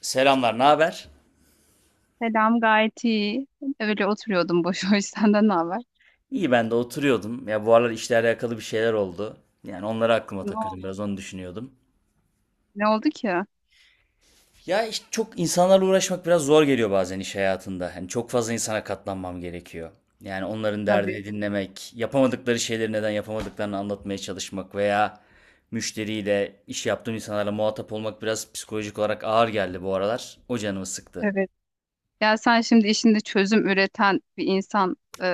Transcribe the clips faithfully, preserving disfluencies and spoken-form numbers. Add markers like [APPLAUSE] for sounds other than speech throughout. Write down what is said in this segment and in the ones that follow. Selamlar, ne haber? Selam, gayet iyi. Öyle oturuyordum boş [LAUGHS] boş. Senden ne haber? İyi ben de oturuyordum. Ya bu aralar işle alakalı bir şeyler oldu. Yani onları aklıma Ne takıldım, oldu? biraz onu düşünüyordum. Ne oldu ki? Ya işte çok insanlarla uğraşmak biraz zor geliyor bazen iş hayatında. Hani çok fazla insana katlanmam gerekiyor. Yani onların Tabii. derdini dinlemek, yapamadıkları şeyleri neden yapamadıklarını anlatmaya çalışmak veya müşteriyle, iş yaptığım insanlarla muhatap olmak biraz psikolojik olarak ağır geldi bu aralar. O canımı sıktı. Evet. Ya sen şimdi işinde çözüm üreten bir insan e,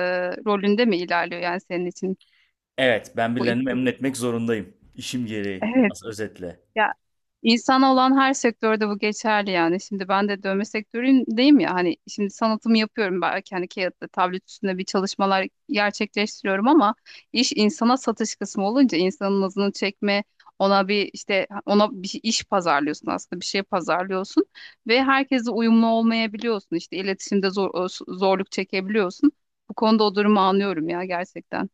rolünde mi ilerliyor yani senin için Evet, ben bu iş birilerini memnun etmek durumunda? zorundayım. İşim gereği. Evet. As özetle. Ya, İnsan olan her sektörde bu geçerli yani. Şimdi ben de dövme sektöründeyim ya, hani şimdi sanatımı yapıyorum, belki hani kağıtta, tablet üstünde bir çalışmalar gerçekleştiriyorum ama iş insana satış kısmı olunca insanın nazını çekme, ona bir işte ona bir şey- iş pazarlıyorsun, aslında bir şey pazarlıyorsun ve herkese uyumlu olmayabiliyorsun, işte iletişimde zor, zorluk çekebiliyorsun. Bu konuda o durumu anlıyorum ya, gerçekten.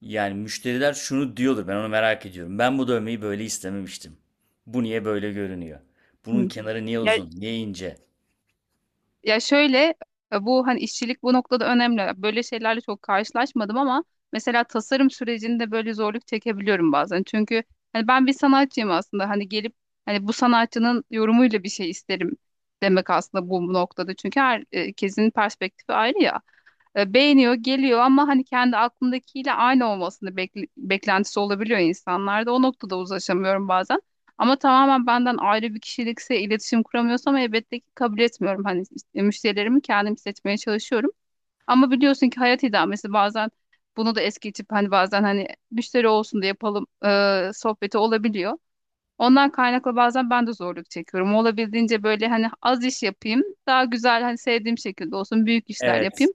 Yani müşteriler şunu diyordur, ben onu merak ediyorum. Ben bu dövmeyi böyle istememiştim. Bu niye böyle görünüyor? Bunun Hı. kenarı niye uzun, niye ince? Ya şöyle, e, bu hani işçilik bu noktada önemli. Böyle şeylerle çok karşılaşmadım ama mesela tasarım sürecinde böyle zorluk çekebiliyorum bazen. Çünkü hani ben bir sanatçıyım aslında. Hani gelip hani bu sanatçının yorumuyla bir şey isterim demek aslında bu noktada. Çünkü herkesin perspektifi ayrı ya, e, beğeniyor, geliyor ama hani kendi aklındakiyle aynı olmasını bekle- beklentisi olabiliyor insanlarda. O noktada uzlaşamıyorum bazen. Ama tamamen benden ayrı bir kişilikse, iletişim kuramıyorsam elbette ki kabul etmiyorum. Hani is- müşterilerimi kendim seçmeye çalışıyorum. Ama biliyorsun ki hayat idamesi bazen bunu da es geçip hani bazen hani müşteri olsun da yapalım e, sohbeti olabiliyor. Ondan kaynaklı bazen ben de zorluk çekiyorum. Olabildiğince böyle hani az iş yapayım, daha güzel hani sevdiğim şekilde olsun, büyük işler Evet. yapayım.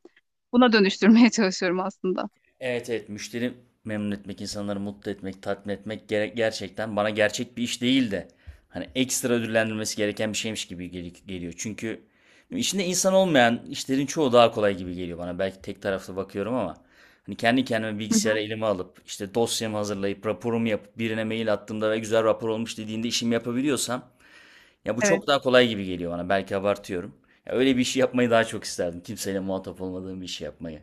Buna dönüştürmeye çalışıyorum aslında. Evet, evet, müşteri memnun etmek, insanları mutlu etmek, tatmin etmek gere- gerçekten bana gerçek bir iş değil de, hani ekstra ödüllendirilmesi gereken bir şeymiş gibi gel- geliyor. Çünkü içinde insan olmayan işlerin çoğu daha kolay gibi geliyor bana. Belki tek taraflı bakıyorum ama hani kendi kendime Hı hı. bilgisayara elime alıp işte dosyamı hazırlayıp raporumu yapıp birine mail attığımda ve güzel rapor olmuş dediğinde işimi yapabiliyorsam, ya bu Evet. çok daha kolay gibi geliyor bana. Belki abartıyorum. Ya öyle bir işi yapmayı daha çok isterdim. Kimseyle muhatap olmadığım bir işi yapmayı.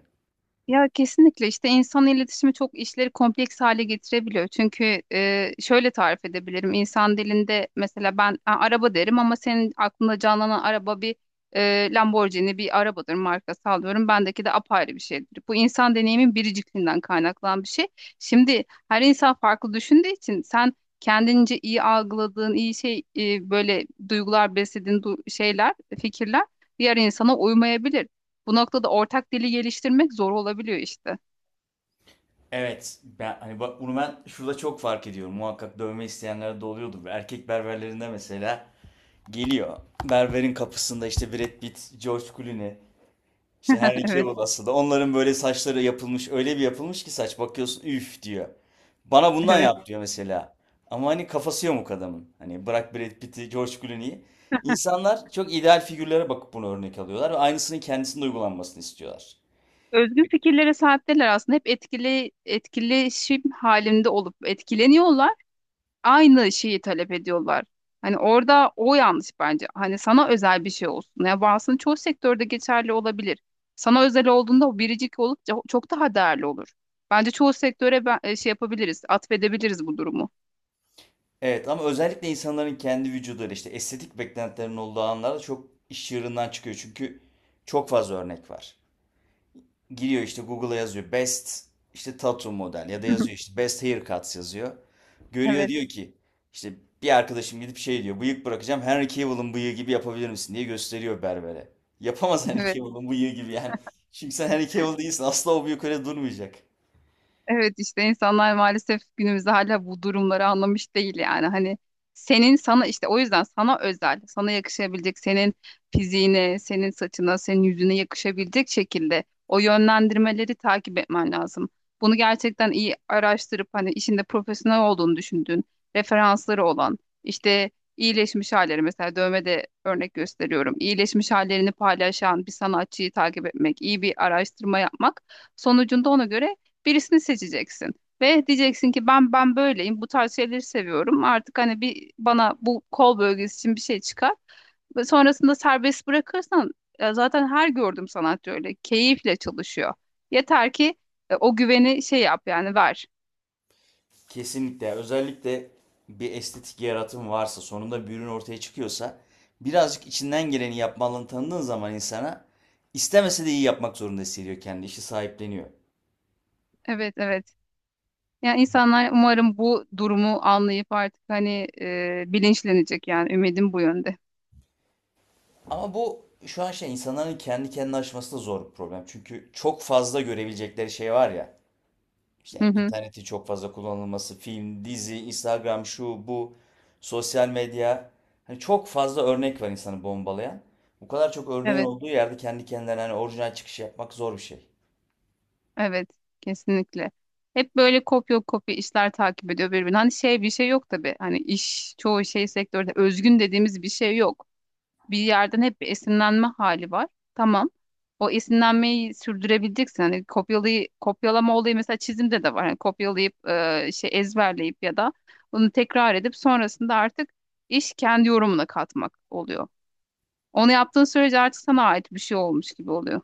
Ya kesinlikle işte insan iletişimi çok işleri kompleks hale getirebiliyor. Çünkü e, şöyle tarif edebilirim. İnsan dilinde mesela ben "Ha, araba" derim ama senin aklında canlanan araba bir e, Lamborghini bir arabadır, markası alıyorum. Bendeki de apayrı bir şeydir. Bu insan deneyimin biricikliğinden kaynaklanan bir şey. Şimdi her insan farklı düşündüğü için sen kendince iyi algıladığın, iyi şey, e, böyle duygular beslediğin du- şeyler, fikirler diğer insana uymayabilir. Bu noktada ortak dili geliştirmek zor olabiliyor işte. Evet. Ben, hani bak, bunu ben şurada çok fark ediyorum. Muhakkak dövme isteyenler de oluyordur. Erkek berberlerinde mesela geliyor. Berberin kapısında işte Brad Pitt, George Clooney, işte [LAUGHS] Henry Evet, Cavill aslında. Onların böyle saçları yapılmış. Öyle bir yapılmış ki saç, bakıyorsun üf diyor. Bana bundan evet. yap diyor mesela. Ama hani kafası yok adamın. Hani bırak Brad Pitt'i, George Clooney'i. İnsanlar çok ideal figürlere bakıp bunu örnek alıyorlar ve aynısının kendisinde uygulanmasını istiyorlar. Özgün fikirlere sahipler aslında. Hep etkili etkileşim halinde olup etkileniyorlar. Aynı şeyi talep ediyorlar. Hani orada o yanlış bence. Hani sana özel bir şey olsun. Ya bu aslında çoğu sektörde geçerli olabilir. Sana özel olduğunda o biricik olup ço- çok daha değerli olur. Bence çoğu sektöre ben, e, şey yapabiliriz, atfedebiliriz bu durumu. Evet, ama özellikle insanların kendi vücuduyla işte estetik beklentilerinin olduğu anlarda çok iş yerinden çıkıyor. Çünkü çok fazla örnek var. Giriyor işte Google'a, yazıyor best, işte tattoo model, ya da yazıyor [LAUGHS] işte best haircuts yazıyor. Görüyor, Evet, diyor ki işte, bir arkadaşım gidip şey diyor, bıyık bırakacağım, Henry Cavill'ın bıyığı gibi yapabilir misin diye gösteriyor berbere. Yapamaz Henry evet. Cavill'ın bıyığı gibi yani. Çünkü sen Henry Cavill değilsin, asla o bıyık öyle durmayacak. Evet işte insanlar maalesef günümüzde hala bu durumları anlamış değil yani. Hani senin sana işte o yüzden sana özel, sana yakışabilecek, senin fiziğine, senin saçına, senin yüzüne yakışabilecek şekilde o yönlendirmeleri takip etmen lazım. Bunu gerçekten iyi araştırıp hani işinde profesyonel olduğunu düşündüğün, referansları olan, işte iyileşmiş halleri mesela dövmede örnek gösteriyorum. İyileşmiş hallerini paylaşan bir sanatçıyı takip etmek, iyi bir araştırma yapmak sonucunda ona göre birisini seçeceksin. Ve diyeceksin ki ben ben böyleyim. Bu tarz şeyleri seviyorum. Artık hani bir bana bu kol bölgesi için bir şey çıkar. Ve sonrasında serbest bırakırsan e, zaten her gördüğüm sanatçı öyle keyifle çalışıyor. Yeter ki e, o güveni şey yap, yani ver. Kesinlikle. Özellikle bir estetik yaratım varsa, sonunda bir ürün ortaya çıkıyorsa, birazcık içinden geleni yapmalını tanıdığın zaman insana, istemese de iyi yapmak zorunda hissediyor, kendi işi sahipleniyor. Evet, evet. Yani insanlar umarım bu durumu anlayıp artık hani e, bilinçlenecek, yani ümidim bu yönde. Ama bu şu an şey, insanların kendi kendine aşması da zor bir problem. Çünkü çok fazla görebilecekleri şey var ya. Hı İşte hı. interneti çok fazla kullanılması, film, dizi, Instagram, şu, bu, sosyal medya. Hani çok fazla örnek var insanı bombalayan. Bu kadar çok örneğin Evet. olduğu yerde kendi kendilerine hani orijinal çıkış yapmak zor bir şey. Evet, kesinlikle. Hep böyle kopya kopya işler takip ediyor birbirini. Hani şey bir şey yok tabii. Hani iş çoğu şey sektörde özgün dediğimiz bir şey yok. Bir yerden hep bir esinlenme hali var. Tamam. O esinlenmeyi sürdürebileceksin. Hani kopyalayı, kopyalama olayı mesela çizimde de var. Hani kopyalayıp e, şey ezberleyip ya da bunu tekrar edip sonrasında artık iş kendi yorumuna katmak oluyor. Onu yaptığın sürece artık sana ait bir şey olmuş gibi oluyor.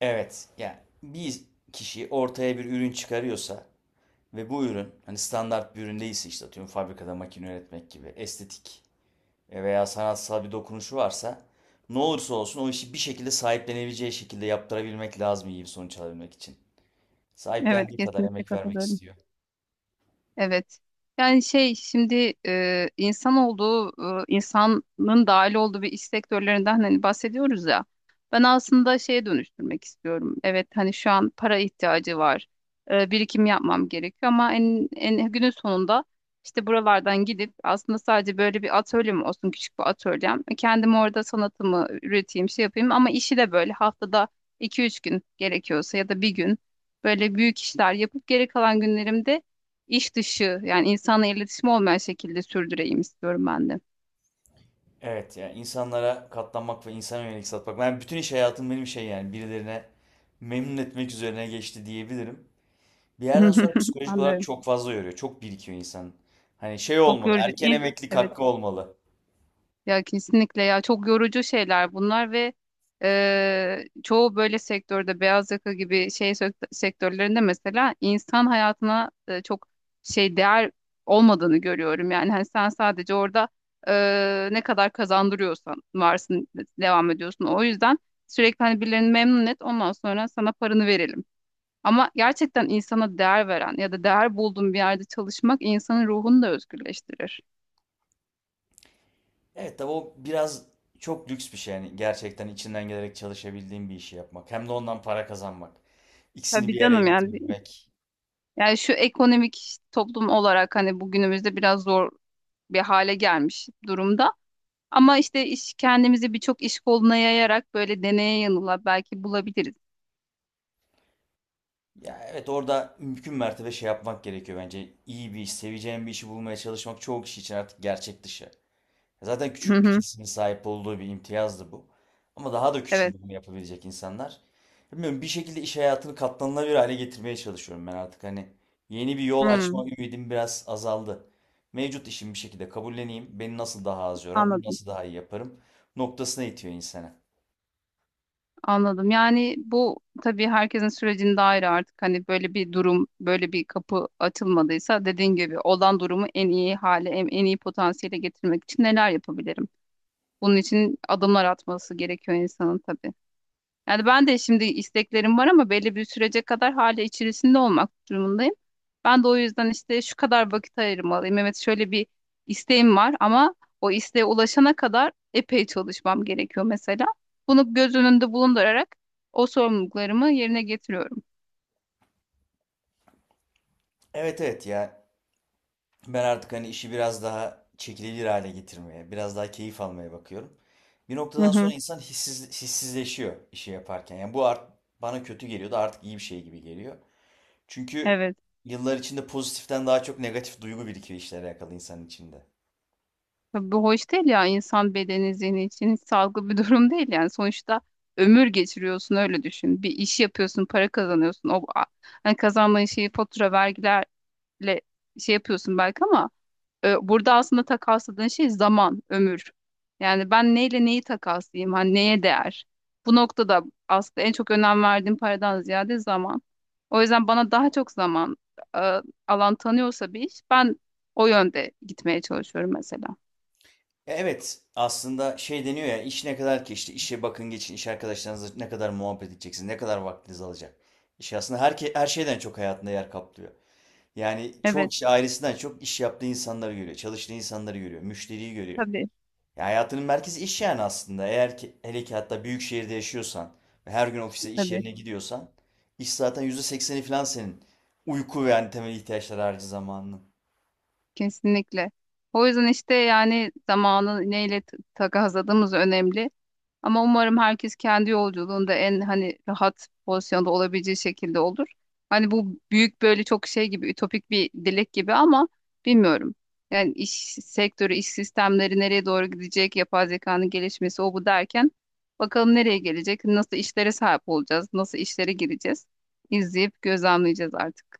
Evet, yani bir kişi ortaya bir ürün çıkarıyorsa ve bu ürün hani standart bir ürün değilse, işte atıyorum fabrikada makine üretmek gibi, estetik veya sanatsal bir dokunuşu varsa, ne olursa olsun o işi bir şekilde sahiplenebileceği şekilde yaptırabilmek lazım iyi bir sonuç alabilmek için. Evet, Sahiplendiği kadar kesinlikle emek vermek katılıyorum. istiyor. Evet. Yani şey şimdi e, insan olduğu, e, insanın dahil olduğu bir iş sektörlerinden hani bahsediyoruz ya. Ben aslında şeye dönüştürmek istiyorum. Evet hani şu an para ihtiyacı var. E, birikim yapmam gerekiyor ama en, en günün sonunda işte buralardan gidip aslında sadece böyle bir atölyem olsun, küçük bir atölyem. Kendim orada sanatımı üreteyim, şey yapayım ama işi de böyle haftada iki üç gün gerekiyorsa ya da bir gün böyle büyük işler yapıp geri kalan günlerimde iş dışı yani insanla iletişim olmayan şekilde sürdüreyim istiyorum ben de. Evet, yani insanlara katlanmak ve insana yönelik satmak. Ben bütün iş hayatım benim şey yani, birilerine memnun etmek üzerine geçti diyebilirim. Bir yerden sonra [LAUGHS] psikolojik olarak Anlıyorum. çok fazla yoruyor. Çok birikiyor insan. Hani şey Çok olmalı, yorucu. erken İz- emeklilik Evet. hakkı olmalı. Ya kesinlikle ya, çok yorucu şeyler bunlar ve e, çoğu böyle sektörde beyaz yaka gibi şey sök- sektörlerinde mesela insan hayatına e, çok şey değer olmadığını görüyorum. Yani hani sen sadece orada e, ne kadar kazandırıyorsan varsın, devam ediyorsun. O yüzden sürekli hani birilerini memnun et, ondan sonra sana paranı verelim. Ama gerçekten insana değer veren ya da değer bulduğun bir yerde çalışmak insanın ruhunu da özgürleştirir. Evet tabii, o biraz çok lüks bir şey, yani gerçekten içinden gelerek çalışabildiğin bir işi yapmak. Hem de ondan para kazanmak. İkisini Tabii bir araya canım yani. getirebilmek. Yani şu ekonomik toplum olarak hani bugünümüzde biraz zor bir hale gelmiş durumda. Ama işte iş kendimizi birçok iş koluna yayarak böyle deneye yanıla belki bulabiliriz. Ya evet, orada mümkün mertebe şey yapmak gerekiyor bence. İyi bir iş, seveceğin bir işi bulmaya çalışmak çoğu kişi için artık gerçek dışı. Zaten Hı küçük bir hı. kesimin sahip olduğu bir imtiyazdı bu. Ama daha da Evet. küçüldüğünü yapabilecek insanlar. Bilmiyorum, bir şekilde iş hayatını katlanılabilir hale getirmeye çalışıyorum ben artık. Hani yeni bir yol Hı, açma ümidim biraz azaldı. Mevcut işimi bir şekilde kabulleneyim. Beni nasıl daha az yorar, bunu anladım. nasıl daha iyi yaparım noktasına itiyor insana. Anladım. Yani bu tabii herkesin sürecinde ayrı artık. Hani böyle bir durum, böyle bir kapı açılmadıysa dediğin gibi olan durumu en iyi hale, en, en iyi potansiyele getirmek için neler yapabilirim? Bunun için adımlar atması gerekiyor insanın tabii. Yani ben de şimdi isteklerim var ama belli bir sürece kadar hala içerisinde olmak durumundayım. Ben de o yüzden işte şu kadar vakit ayırmalıyım. Evet şöyle bir isteğim var ama o isteğe ulaşana kadar epey çalışmam gerekiyor mesela. Bunu göz önünde bulundurarak o sorumluluklarımı yerine getiriyorum. Evet, evet, ya, ben artık hani işi biraz daha çekilebilir hale getirmeye, biraz daha keyif almaya bakıyorum. Bir Hı noktadan sonra hı, insan hissiz, hissizleşiyor işi yaparken. Yani bu art, bana kötü geliyordu, artık iyi bir şey gibi geliyor. Çünkü evet. yıllar içinde pozitiften daha çok negatif duygu birikiyor işlere alakalı insanın içinde. Tabii bu hoş değil ya, insan bedeni zihni için hiç sağlıklı bir [LAUGHS] durum değil yani. Sonuçta ömür geçiriyorsun, öyle düşün, bir iş yapıyorsun, para kazanıyorsun. o a- hani kazandığın şeyi fatura vergiler ile şey yapıyorsun belki ama e, burada aslında takasladığın şey zaman, ömür. Yani ben neyle neyi takaslayayım? Hani neye değer? Bu noktada aslında en çok önem verdiğim paradan ziyade zaman. O yüzden bana daha çok zaman e, alan tanıyorsa bir iş, ben o yönde gitmeye çalışıyorum mesela. E, Evet, aslında şey deniyor ya, iş ne kadar ki, işte işe bakın geçin, iş arkadaşlarınızla ne kadar muhabbet edeceksiniz, ne kadar vaktiniz alacak. İş aslında her, ke- her şeyden çok hayatında yer kaplıyor. Yani çoğu Evet, kişi ailesinden çok iş yaptığı insanları görüyor, çalıştığı insanları görüyor, müşteriyi görüyor. tabii, Ya hayatının merkezi iş yani aslında. Eğer ki, hele ki, hatta büyük şehirde yaşıyorsan ve her gün ofise, iş tabii. yerine gidiyorsan, iş zaten yüzde sekseni falan senin. Uyku ve yani temel ihtiyaçlar harici zamanının. Kesinlikle. O yüzden işte yani zamanı neyle t- takasladığımız önemli. Ama umarım herkes kendi yolculuğunda en hani rahat pozisyonda olabileceği şekilde olur. Hani bu büyük böyle çok şey gibi ütopik bir dilek gibi ama bilmiyorum. Yani iş sektörü, iş sistemleri nereye doğru gidecek, yapay zekanın gelişmesi o bu derken bakalım nereye gelecek, nasıl işlere sahip olacağız, nasıl işlere gireceğiz. İzleyip gözlemleyeceğiz artık.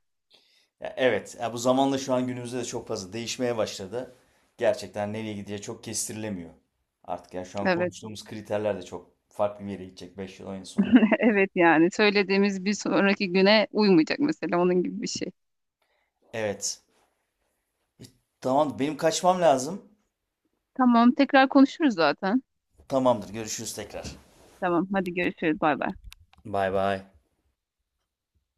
Ya evet, ya bu zamanla şu an günümüzde de çok fazla değişmeye başladı. Gerçekten nereye gideceği çok kestirilemiyor. Artık ya şu an Evet, konuştuğumuz kriterler de çok farklı bir yere gidecek beş yıl on yıl sonra. [LAUGHS] evet yani söylediğimiz bir sonraki güne uymayacak, mesela onun gibi bir şey. Evet. E, Tamam, benim kaçmam lazım. Tamam, tekrar konuşuruz zaten. Tamamdır, görüşürüz tekrar. Tamam, hadi görüşürüz. Bay bay. Bay bay.